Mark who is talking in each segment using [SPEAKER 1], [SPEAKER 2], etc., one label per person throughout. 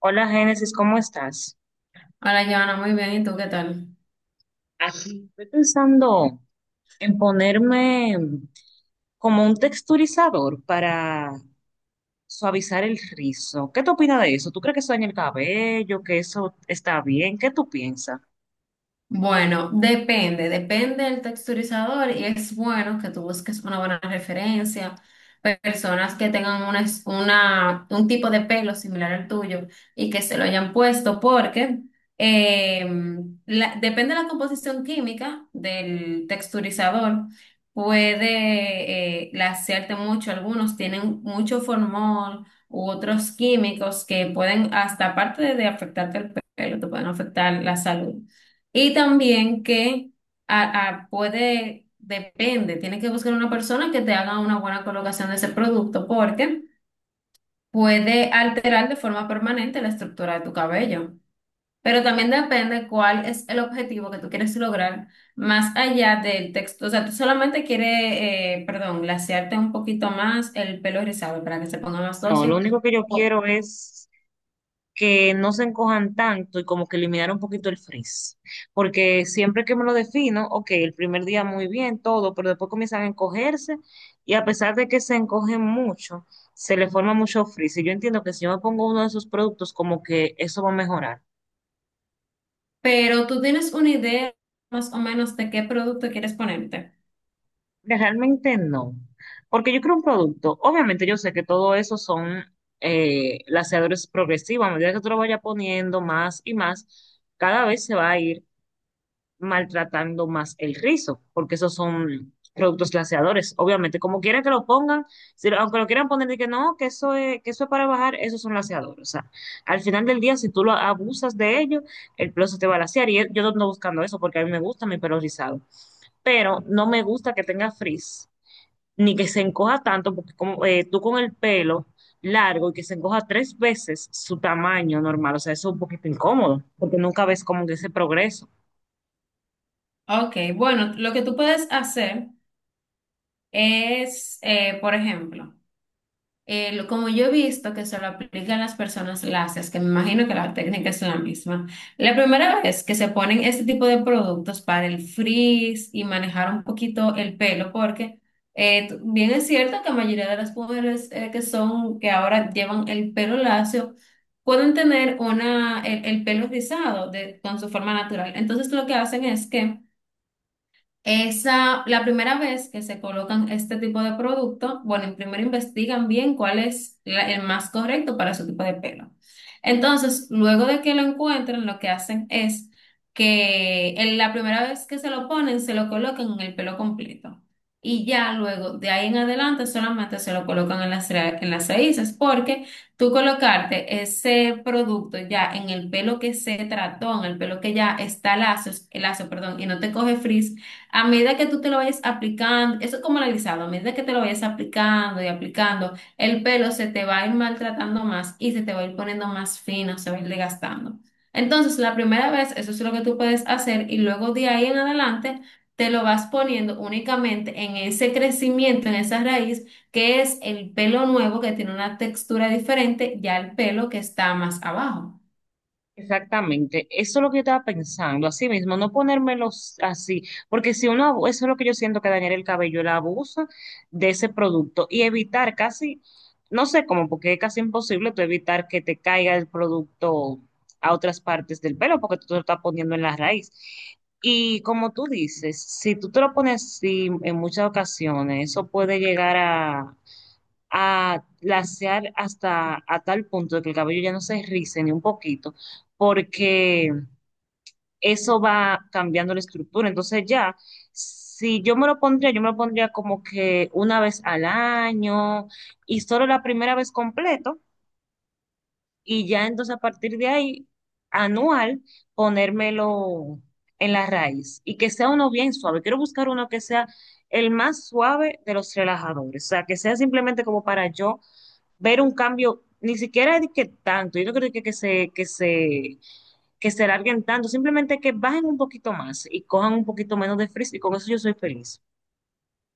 [SPEAKER 1] Hola Génesis, ¿cómo estás?
[SPEAKER 2] Hola, Joana, muy bien. ¿Y tú qué tal?
[SPEAKER 1] Aquí estoy pensando en ponerme como un texturizador para suavizar el rizo. ¿Qué te opinas de eso? ¿Tú crees que eso daña el cabello, que eso está bien? ¿Qué tú piensas?
[SPEAKER 2] Bueno, depende del texturizador y es bueno que tú busques una buena referencia, personas que tengan un tipo de pelo similar al tuyo y que se lo hayan puesto porque eh, depende de la composición química del texturizador, puede lacearte mucho, algunos tienen mucho formol u otros químicos que pueden hasta aparte de afectarte el pelo, te pueden afectar la salud. Y también que puede, depende, tienes que buscar una persona que te haga una buena colocación de ese producto porque puede alterar de forma permanente la estructura de tu cabello. Pero también depende cuál es el objetivo que tú quieres lograr más allá del texto. O sea, tú solamente quieres, perdón, glasearte un poquito más el pelo rizado para que se ponga más
[SPEAKER 1] No, lo
[SPEAKER 2] dócil.
[SPEAKER 1] único que yo
[SPEAKER 2] O-
[SPEAKER 1] quiero es que no se encojan tanto y como que eliminar un poquito el frizz. Porque siempre que me lo defino, ok, el primer día muy bien, todo, pero después comienzan a encogerse y a pesar de que se encogen mucho, se le forma mucho frizz. Y yo entiendo que si yo me pongo uno de esos productos, como que eso va a mejorar.
[SPEAKER 2] pero tú tienes una idea más o menos de qué producto quieres ponerte.
[SPEAKER 1] Realmente no. Porque yo creo un producto, obviamente yo sé que todo eso son laseadores progresivos, a medida que tú lo vayas poniendo más y más, cada vez se va a ir maltratando más el rizo, porque esos son productos glaseadores. Obviamente, como quiera que lo pongan, aunque lo quieran poner de que no, que eso es para bajar, esos son glaseadores. O sea, al final del día, si tú lo abusas de ello, el pelo se te va a glasear. Y yo no ando buscando eso porque a mí me gusta mi pelo rizado, pero no me gusta que tenga frizz, ni que se encoja tanto, porque como, tú con el pelo largo y que se encoja tres veces su tamaño normal, o sea, eso es un poquito incómodo, porque nunca ves como que ese progreso.
[SPEAKER 2] Ok, bueno, lo que tú puedes hacer es, por ejemplo, como yo he visto que se lo aplican las personas lacias, que me imagino que la técnica es la misma, la primera vez que se ponen este tipo de productos para el frizz y manejar un poquito el pelo, porque bien es cierto que la mayoría de las mujeres que son, que ahora llevan el pelo lacio, pueden tener una, el pelo rizado con su forma natural. Entonces lo que hacen es que... Esa, la primera vez que se colocan este tipo de producto, bueno, primero investigan bien cuál es el más correcto para su tipo de pelo. Entonces, luego de que lo encuentren, lo que hacen es que en la primera vez que se lo ponen, se lo colocan en el pelo completo. Y ya luego, de ahí en adelante, solamente se lo colocan en en las raíces, porque tú colocarte ese producto ya en el pelo que se trató, en el pelo que ya está lazo, perdón, y no te coge frizz, a medida que tú te lo vayas aplicando, eso es como el alisado, a medida que te lo vayas aplicando y aplicando, el pelo se te va a ir maltratando más y se te va a ir poniendo más fino, se va a ir desgastando. Entonces, la primera vez, eso es lo que tú puedes hacer y luego de ahí en adelante te lo vas poniendo únicamente en ese crecimiento, en esa raíz, que es el pelo nuevo que tiene una textura diferente ya el pelo que está más abajo.
[SPEAKER 1] Exactamente, eso es lo que yo estaba pensando, así mismo, no ponérmelos así, porque si uno, eso es lo que yo siento que dañar el cabello, el abuso de ese producto y evitar casi, no sé cómo, porque es casi imposible tú evitar que te caiga el producto a otras partes del pelo, porque tú te lo estás poniendo en la raíz. Y como tú dices, si tú te lo pones así en muchas ocasiones, eso puede llegar a lasear hasta a tal punto de que el cabello ya no se rice ni un poquito, porque eso va cambiando la estructura. Entonces ya, si yo me lo pondría, yo me lo pondría como que una vez al año y solo la primera vez completo y ya entonces a partir de ahí, anual, ponérmelo en la raíz y que sea uno bien suave. Quiero buscar uno que sea el más suave de los relajadores, o sea, que sea simplemente como para yo ver un cambio, ni siquiera de que tanto, yo no creo que se larguen tanto, simplemente que bajen un poquito más y cojan un poquito menos de frizz y con eso yo soy feliz.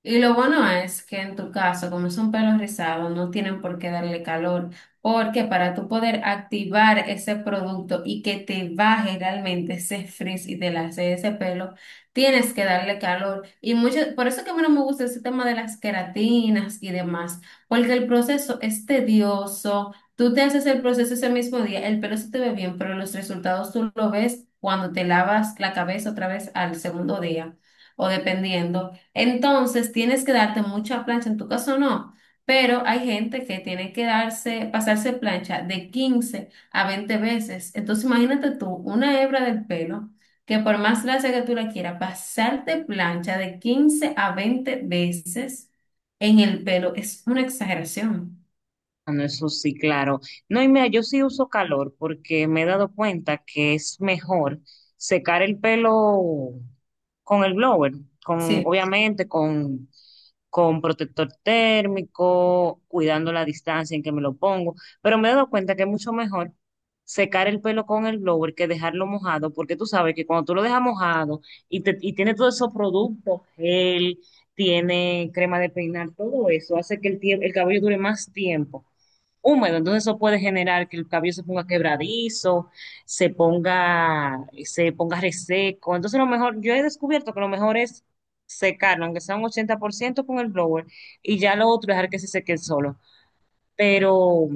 [SPEAKER 2] Y lo bueno es que en tu caso, como son pelos rizados, no tienen por qué darle calor, porque para tú poder activar ese producto y que te baje realmente ese frizz y te lace ese pelo, tienes que darle calor. Y mucho, por eso que a mí no me gusta ese tema de las queratinas y demás, porque el proceso es tedioso. Tú te haces el proceso ese mismo día, el pelo se te ve bien, pero los resultados tú lo ves cuando te lavas la cabeza otra vez al segundo día, o dependiendo. Entonces, tienes que darte mucha plancha, en tu caso no, pero hay gente que tiene que darse, pasarse plancha de 15 a 20 veces. Entonces, imagínate tú, una hebra del pelo, que por más lacia que tú la quieras, pasarte plancha de 15 a 20 veces en el pelo es una exageración.
[SPEAKER 1] Ah, no, eso sí, claro. No, y mira, yo sí uso calor porque me he dado cuenta que es mejor secar el pelo con el blower, con,
[SPEAKER 2] Sí.
[SPEAKER 1] obviamente con, con protector térmico, cuidando la distancia en que me lo pongo, pero me he dado cuenta que es mucho mejor secar el pelo con el blower que dejarlo mojado, porque tú sabes que cuando tú lo dejas mojado y tiene todos esos productos, gel, tiene crema de peinar, todo eso hace que el cabello dure más tiempo húmedo, entonces eso puede generar que el cabello se ponga quebradizo, se ponga reseco. Entonces lo mejor, yo he descubierto que lo mejor es secarlo, aunque sea un 80% con el blower, y ya lo otro dejar que se seque solo. Pero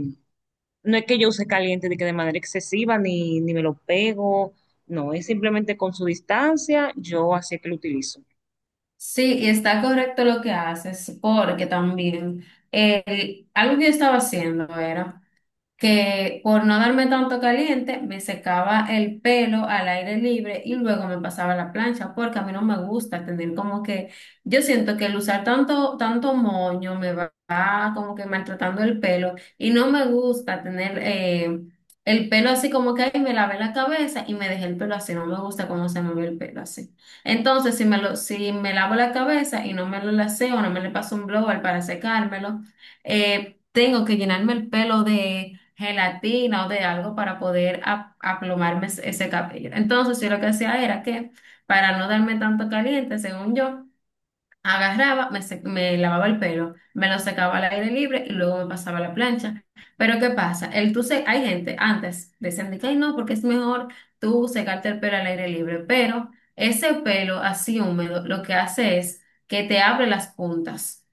[SPEAKER 1] no es que yo use caliente de que de manera excesiva, ni me lo pego, no, es simplemente con su distancia, yo así es que lo utilizo.
[SPEAKER 2] Sí, y está correcto lo que haces, porque también algo que yo estaba haciendo era... que por no darme tanto caliente, me secaba el pelo al aire libre y luego me pasaba a la plancha, porque a mí no me gusta tener como que, yo siento que el usar tanto moño me va como que maltratando el pelo y no me gusta tener el pelo así como que ahí me lavé la cabeza y me dejé el pelo así, no me gusta cómo se me ve el pelo así. Entonces, si me lavo la cabeza y no me lo laceo, no me le paso un blower para secármelo, tengo que llenarme el pelo de gelatina o de algo para poder aplomarme ese cabello. Entonces, yo lo que hacía era que, para no darme tanto caliente, según yo, me lavaba el pelo, me lo secaba al aire libre y luego me pasaba a la plancha. Pero, ¿qué pasa? Hay gente antes decían de que, "Ay, no, porque es mejor tú secarte el pelo al aire libre, pero ese pelo así húmedo lo que hace es que te abre las puntas.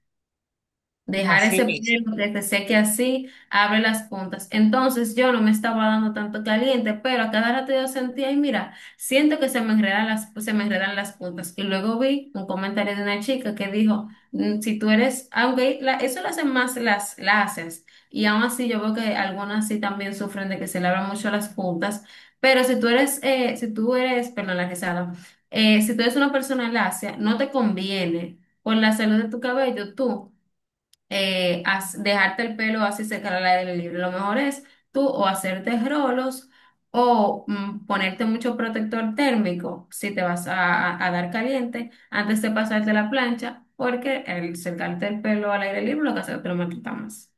[SPEAKER 2] Dejar
[SPEAKER 1] Así
[SPEAKER 2] ese
[SPEAKER 1] mismo.
[SPEAKER 2] pelo que se seque así, abre las puntas. Entonces yo no me estaba dando tanto caliente, pero a cada rato yo sentía, y mira, siento que se me enredan las puntas. Y luego vi un comentario de una chica que dijo, "Mm, si tú eres, eso lo hacen más las lacias, y aún así yo veo que algunas sí también sufren de que se le abran mucho las puntas, pero si tú eres, perdón, la rizada, si tú eres una persona lacia, no te conviene por la salud de tu cabello, tú dejarte el pelo así secar al aire libre. Lo mejor es tú o hacerte rolos o ponerte mucho protector térmico si te vas a dar caliente antes de pasarte la plancha, porque el secarte el pelo al aire libre lo que hace es que te lo maltrata más.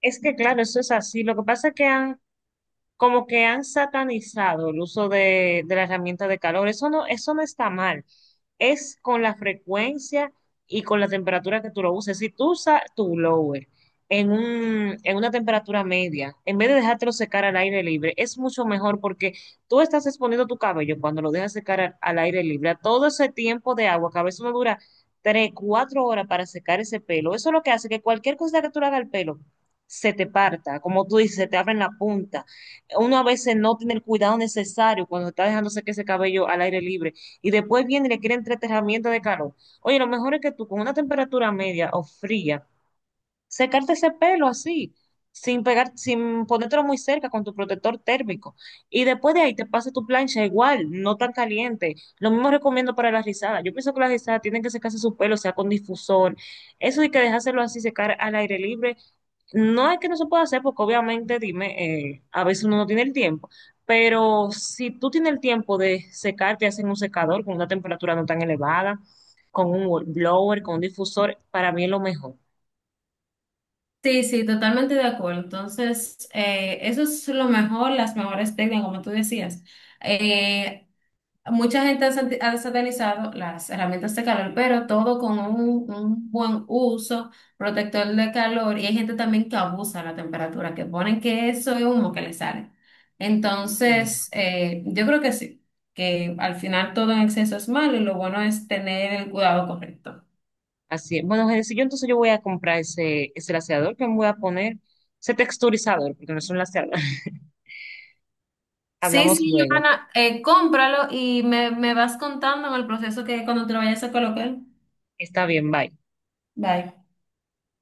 [SPEAKER 1] Es que claro, eso es así. Lo que pasa es que han como que han satanizado el uso de la herramienta de calor. Eso no está mal. Es con la frecuencia y con la temperatura que tú lo uses. Si tú usas tu blower en una temperatura media, en vez de dejártelo secar al aire libre, es mucho mejor porque tú estás exponiendo tu cabello cuando lo dejas secar al aire libre. A todo ese tiempo de agua, que a veces uno dura 3, 4 horas para secar ese pelo. Eso es lo que hace que cualquier cosa que tú le hagas al pelo se te parta, como tú dices, se te abren la punta, uno a veces no tiene el cuidado necesario cuando está dejándose que ese cabello al aire libre y después viene y le quieren tres herramientas de calor. Oye, lo mejor es que tú con una temperatura media o fría, secarte ese pelo así, sin pegar, sin ponértelo muy cerca con tu protector térmico. Y después de ahí te pasa tu plancha igual, no tan caliente. Lo mismo recomiendo para las rizadas. Yo pienso que las rizadas tienen que secarse su pelo, o sea, con difusor. Eso de que dejárselo así secar al aire libre no es que no se pueda hacer, porque obviamente, dime, a veces uno no tiene el tiempo, pero si tú tienes el tiempo de secarte, hacen un secador con una temperatura no tan elevada, con un blower, con un difusor, para mí es lo mejor.
[SPEAKER 2] Sí, sí, totalmente de acuerdo. Entonces, eso es lo mejor, las mejores técnicas, como tú decías. Eh, Mucha gente ha ha satanizado las herramientas de calor, pero todo con un buen uso protector de calor. Y hay gente también que abusa de la temperatura, que ponen que eso es humo que le sale.
[SPEAKER 1] Mm.
[SPEAKER 2] Entonces, yo creo que sí, que al final todo en exceso es malo y lo bueno es tener el cuidado correcto.
[SPEAKER 1] Así es. Bueno, si yo entonces yo voy a comprar ese, ese laceador que me voy a poner, ese texturizador, porque no es un laceador.
[SPEAKER 2] Sí,
[SPEAKER 1] Hablamos
[SPEAKER 2] sí,
[SPEAKER 1] luego.
[SPEAKER 2] Johanna, cómpralo y me vas contando en el proceso que cuando te lo vayas a colocar.
[SPEAKER 1] Está bien, bye.
[SPEAKER 2] Bye.